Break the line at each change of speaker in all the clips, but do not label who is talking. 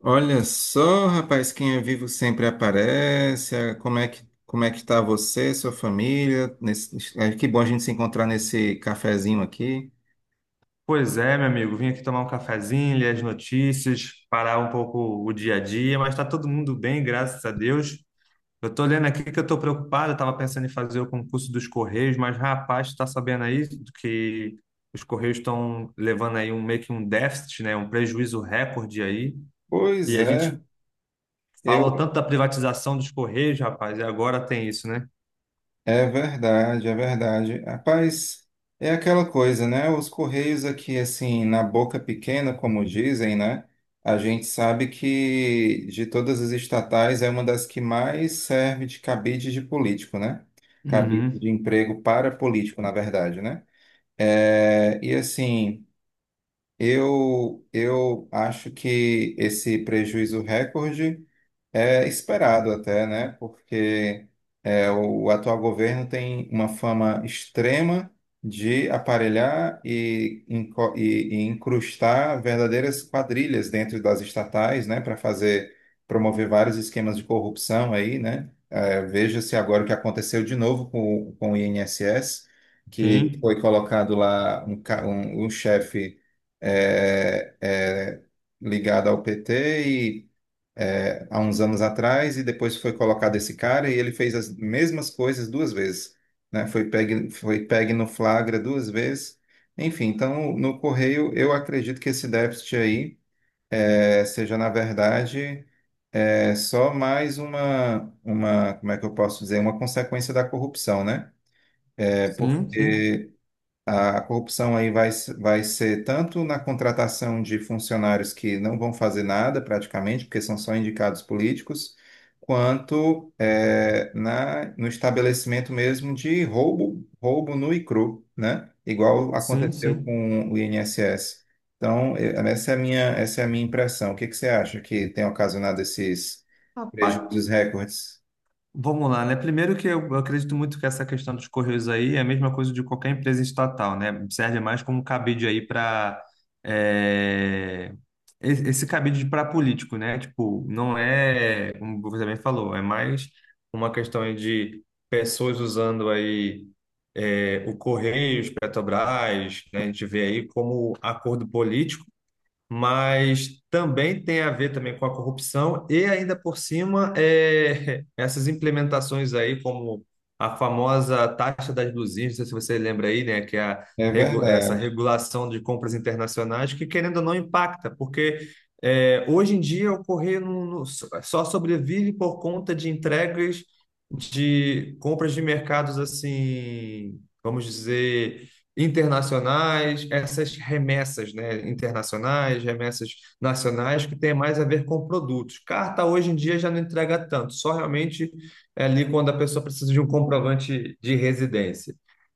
Olha só, rapaz, quem é vivo sempre aparece. Como é que tá você, sua família? Que bom a gente se encontrar nesse cafezinho aqui.
Pois é, meu amigo, vim aqui tomar um cafezinho, ler as notícias, parar um pouco o dia a dia, mas está todo mundo bem, graças a Deus. Eu estou lendo aqui que eu estou preocupado, estava pensando em fazer o concurso dos Correios, mas rapaz, está sabendo aí que os Correios estão levando aí um meio que um déficit, né, um prejuízo recorde aí, e
Pois
a gente
é, eu,
falou tanto da privatização dos Correios, rapaz, e agora tem isso, né?
é verdade, é verdade. Rapaz, é aquela coisa, né? Os Correios aqui, assim, na boca pequena, como dizem, né? A gente sabe que de todas as estatais é uma das que mais serve de cabide de político, né? Cabide de
Uhum.
emprego para político, na verdade, né? É, e assim, eu acho que esse prejuízo recorde. É esperado até, né? Porque é, o atual governo tem uma fama extrema de aparelhar e incrustar verdadeiras quadrilhas dentro das estatais, né? Para fazer promover vários esquemas de corrupção aí, né? É, veja-se agora o que aconteceu de novo com o INSS, que
Sim,
foi colocado lá um chefe é, é, ligado ao PT, é, há uns anos atrás, e depois foi colocado esse cara e ele fez as mesmas coisas duas vezes, né? Foi pegue no flagra duas vezes. Enfim, então no Correio eu acredito que esse déficit aí, é, seja na verdade, é, só mais como é que eu posso dizer, uma consequência da corrupção, né? É
sim, sim,
porque a corrupção aí vai, se- vai ser tanto na contratação de funcionários que não vão fazer nada praticamente, porque são só indicados políticos, quanto no estabelecimento mesmo de roubo, roubo nu e cru, né? Igual
sim,
aconteceu
sim.
com o INSS. Então, essa é a minha, essa é a minha impressão. O que que você acha que tem ocasionado esses
Rapaz,
prejuízos recordes?
vamos lá, né? Primeiro que eu acredito muito que essa questão dos correios aí é a mesma coisa de qualquer empresa estatal, né? Serve mais como cabide aí para esse cabide para político, né? Tipo, não é, como você bem falou, é mais uma questão aí de pessoas usando aí o Correios, Petrobras, né? A gente vê aí como acordo político, mas também tem a ver também com a corrupção e ainda por cima é, essas implementações aí como a famosa taxa das blusinhas, não sei se você lembra aí, né, que é a,
É
regu- essa
verdade.
regulação de compras internacionais que, querendo ou não, impacta, porque, é, hoje em dia o correio só sobrevive por conta de entregas de compras de mercados, assim, vamos dizer, internacionais, essas remessas, né, internacionais, remessas nacionais, que tem mais a ver com produtos. Carta hoje em dia já não entrega tanto, só realmente é ali quando a pessoa precisa de um comprovante de residência.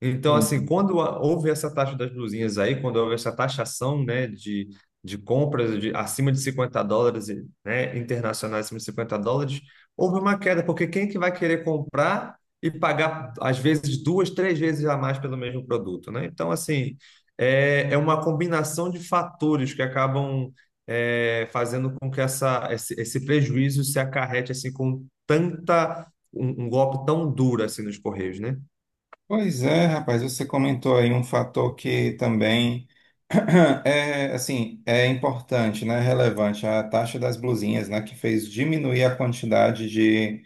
Então, assim,
Sim.
houve essa taxa das blusinhas aí, quando houve essa taxação, né, de compras de acima de US$ 50, e, né, internacionais acima de US$ 50, houve uma queda, porque quem que vai querer comprar e pagar, às vezes, duas, três vezes a mais pelo mesmo produto, né? Então, assim, é uma combinação de fatores que acabam, é, fazendo com que esse prejuízo se acarrete, assim, com tanta, um golpe tão duro, assim, nos Correios, né?
Pois é, rapaz, você comentou aí um fator que também. É, assim, é importante, né? Relevante a taxa das blusinhas, né? Que fez diminuir a quantidade de,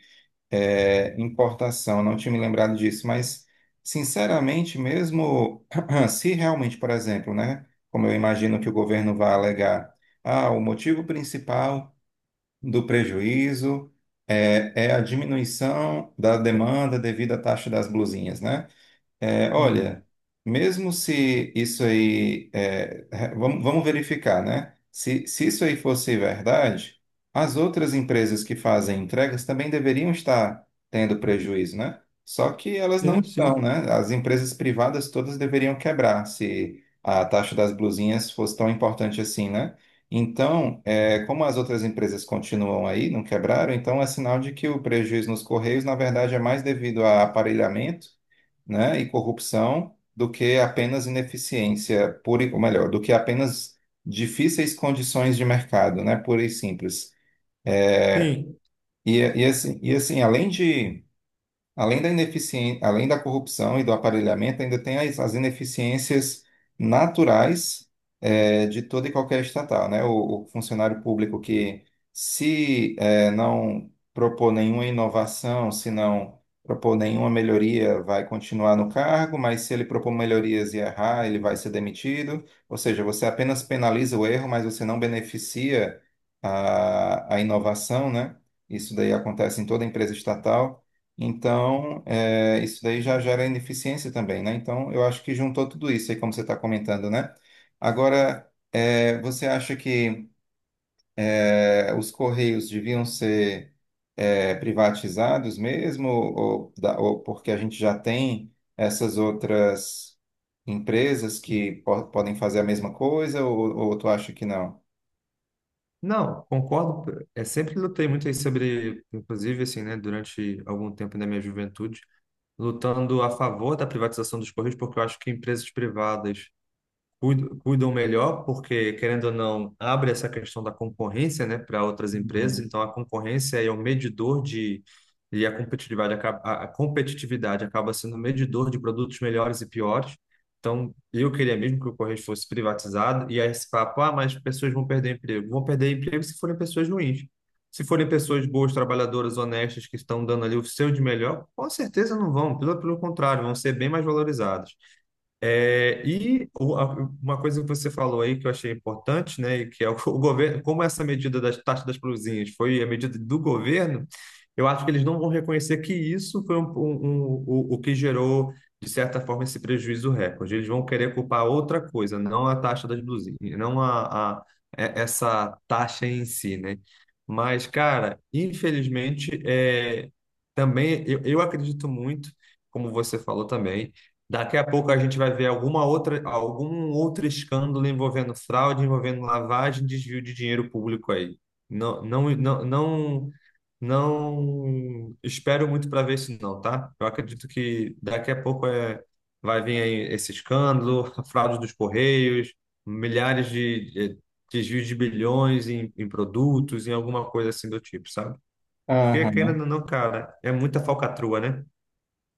é, importação. Não tinha me lembrado disso, mas sinceramente, mesmo se realmente, por exemplo, né? Como eu imagino que o governo vai alegar, ah, o motivo principal do prejuízo é, é a diminuição da demanda devido à taxa das blusinhas, né? É, olha,
Uhum.
mesmo se isso aí, é, vamos verificar, né? Se isso aí fosse verdade, as outras empresas que fazem entregas também deveriam estar tendo prejuízo, né? Só que elas não
Sim,
estão,
sim,
né? As empresas privadas todas deveriam quebrar se a taxa das blusinhas fosse tão importante assim, né? Então, é, como as outras empresas continuam aí, não quebraram, então é sinal de que o prejuízo nos Correios, na verdade, é mais devido a aparelhamento, né, e corrupção do que apenas ineficiência pura, ou melhor, do que apenas difíceis condições de mercado, né, pura e simples.
sim.
E assim, além de Além da ineficiên- além da corrupção e do aparelhamento, ainda tem as ineficiências naturais, eh, de toda e qualquer estatal, né? O funcionário público que, se, eh, não propor nenhuma inovação, se não propor nenhuma melhoria, vai continuar no cargo, mas se ele propor melhorias e errar, ele vai ser demitido. Ou seja, você apenas penaliza o erro, mas você não beneficia a inovação, né? Isso daí acontece em toda empresa estatal. Então, é, isso daí já gera ineficiência também, né? Então, eu acho que juntou tudo isso aí, como você está comentando, né? Agora, é, você acha que, é, os Correios deviam ser, é, privatizados mesmo, ou, ou porque a gente já tem essas outras empresas que podem fazer a mesma coisa, ou tu acha que não?
Não, concordo. É, sempre lutei muito aí sobre, inclusive, assim, né, durante algum tempo da minha juventude, lutando a favor da privatização dos Correios, porque eu acho que empresas privadas cuidam melhor, porque, querendo ou não, abre essa questão da concorrência, né, para outras empresas.
Uhum.
Então, a concorrência é o medidor de. E a competitividade, a competitividade acaba sendo o medidor de produtos melhores e piores. Então, eu queria mesmo que o Correios fosse privatizado. E aí, esse papo, ah, mas pessoas vão perder emprego. Vão perder emprego se forem pessoas ruins. Se forem pessoas boas, trabalhadoras, honestas, que estão dando ali o seu de melhor, com certeza não vão. Pelo, pelo contrário, vão ser bem mais valorizadas. É, uma coisa que você falou aí que eu achei importante, né, e que é o, o governo, como essa medida das taxas das províncias foi a medida do governo, eu acho que eles não vão reconhecer que isso foi o que gerou, de certa forma, esse prejuízo recorde. Eles vão querer culpar outra coisa, não a taxa das blusinhas, não a, a- é- essa taxa em si, né? Mas, cara, infelizmente, é, também eu acredito muito, como você falou também. Daqui a pouco a gente vai ver alguma outra, algum outro escândalo envolvendo fraude, envolvendo lavagem, desvio de dinheiro público aí. Não, não, não, não, não espero muito para ver isso não, tá? Eu acredito que daqui a pouco, é, vai vir aí esse escândalo, a fraude dos Correios, milhares de desvios de bilhões em produtos, em alguma coisa assim do tipo, sabe? Porque, querendo
Aham.
ou não, cara, é muita falcatrua, né?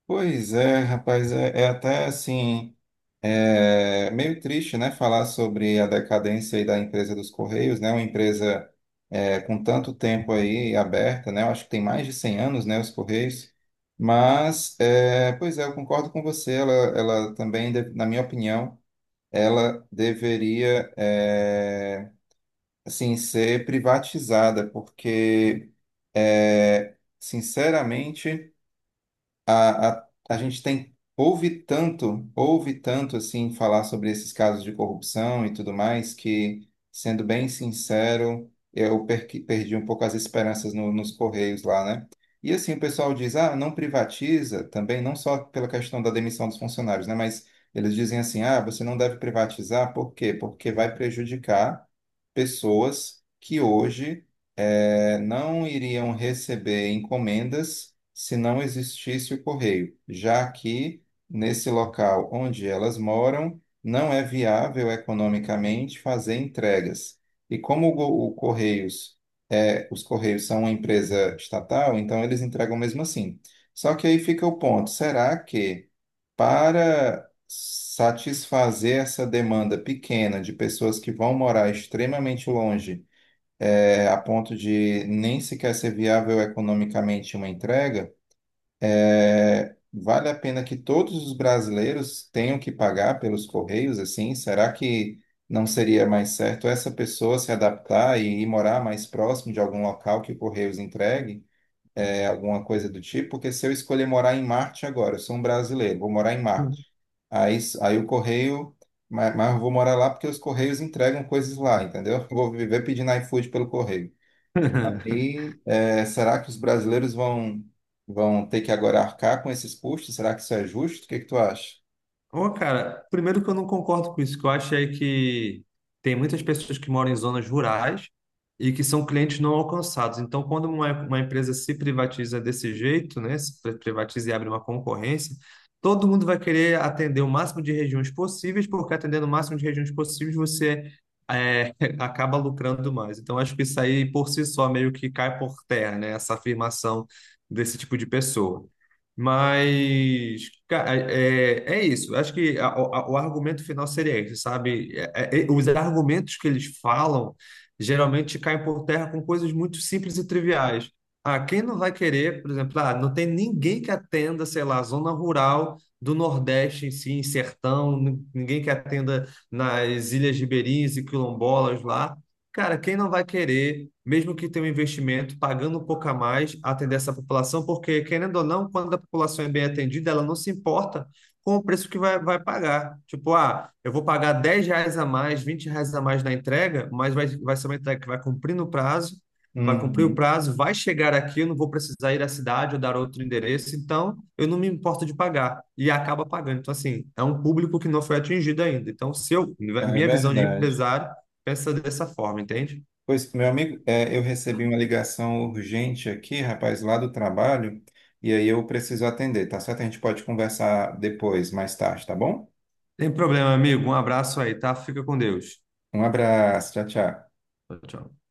Pois é, rapaz, é, é até assim, é meio triste, né, falar sobre a decadência aí da empresa dos Correios, né, uma empresa, é, com tanto tempo aí aberta, né, eu acho que tem mais de 100 anos, né, os Correios, mas, é, pois é, eu concordo com você, ela também, na minha opinião, ela deveria, é, assim, ser privatizada, porque, é, sinceramente a gente tem ouve tanto assim falar sobre esses casos de corrupção e tudo mais que, sendo bem sincero, eu perdi um pouco as esperanças nos Correios lá, né? E assim, o pessoal diz, ah, não privatiza também, não só pela questão da demissão dos funcionários, né? Mas eles dizem assim, ah, você não deve privatizar, por quê? Porque vai prejudicar pessoas que hoje, eh, não iriam receber encomendas se não existisse o correio, já que nesse local onde elas moram não é viável economicamente fazer entregas. E como o Correios, é, os Correios são uma empresa estatal, então eles entregam mesmo assim. Só que aí fica o ponto, será que para satisfazer essa demanda pequena de pessoas que vão morar extremamente longe, é, a ponto de nem sequer ser viável economicamente uma entrega, é, vale a pena que todos os brasileiros tenham que pagar pelos correios, assim? Será que não seria mais certo essa pessoa se adaptar e ir morar mais próximo de algum local que o Correios entregue? Alguma coisa do tipo, porque se eu escolher morar em Marte agora, eu sou um brasileiro, vou morar em Marte. Aí o correio, mas eu vou morar lá porque os correios entregam coisas lá, entendeu? Eu vou viver pedindo iFood pelo correio. Aí, é, será que os brasileiros vão, vão ter que agora arcar com esses custos? Será que isso é justo? O que que tu acha?
Ô, cara, primeiro que eu não concordo com isso, que eu acho é que tem muitas pessoas que moram em zonas rurais e que são clientes não alcançados. Então, quando uma empresa se privatiza desse jeito, né, se pri- privatiza e abre uma concorrência, todo mundo vai querer atender o máximo de regiões possíveis, porque atendendo o máximo de regiões possíveis, você, é, acaba lucrando mais. Então, acho que isso aí, por si só, meio que cai por terra, né, essa afirmação desse tipo de pessoa. Mas, cara, é, é isso. Acho que o argumento final seria esse, sabe? Os argumentos que eles falam geralmente caem por terra com coisas muito simples e triviais. Ah, quem não vai querer, por exemplo, ah, não tem ninguém que atenda, sei lá, a zona rural do Nordeste em si, em sertão, ninguém que atenda nas ilhas ribeirinhas e quilombolas lá. Cara, quem não vai querer, mesmo que tenha um investimento, pagando um pouco a mais, atender essa população? Porque, querendo ou não, quando a população é bem atendida, ela não se importa com o preço que vai pagar. Tipo, ah, eu vou pagar R$ 10 a mais, R$ 20 a mais na entrega, mas vai ser uma entrega que vai cumprir no prazo, vai cumprir o
Uhum,
prazo, vai chegar aqui, eu não vou precisar ir à cidade ou dar outro endereço, então eu não me importo de pagar. E acaba pagando. Então, assim, é um público que não foi atingido ainda. Então, se eu,
é
minha visão de
verdade.
empresário, pensa dessa forma, entende?
Pois, meu amigo, é, eu recebi uma ligação urgente aqui, rapaz, lá do trabalho, e aí eu preciso atender, tá certo? A gente pode conversar depois, mais tarde, tá bom?
Tem problema, amigo. Um abraço aí, tá? Fica com Deus.
Um abraço, tchau, tchau.
Tchau, tchau.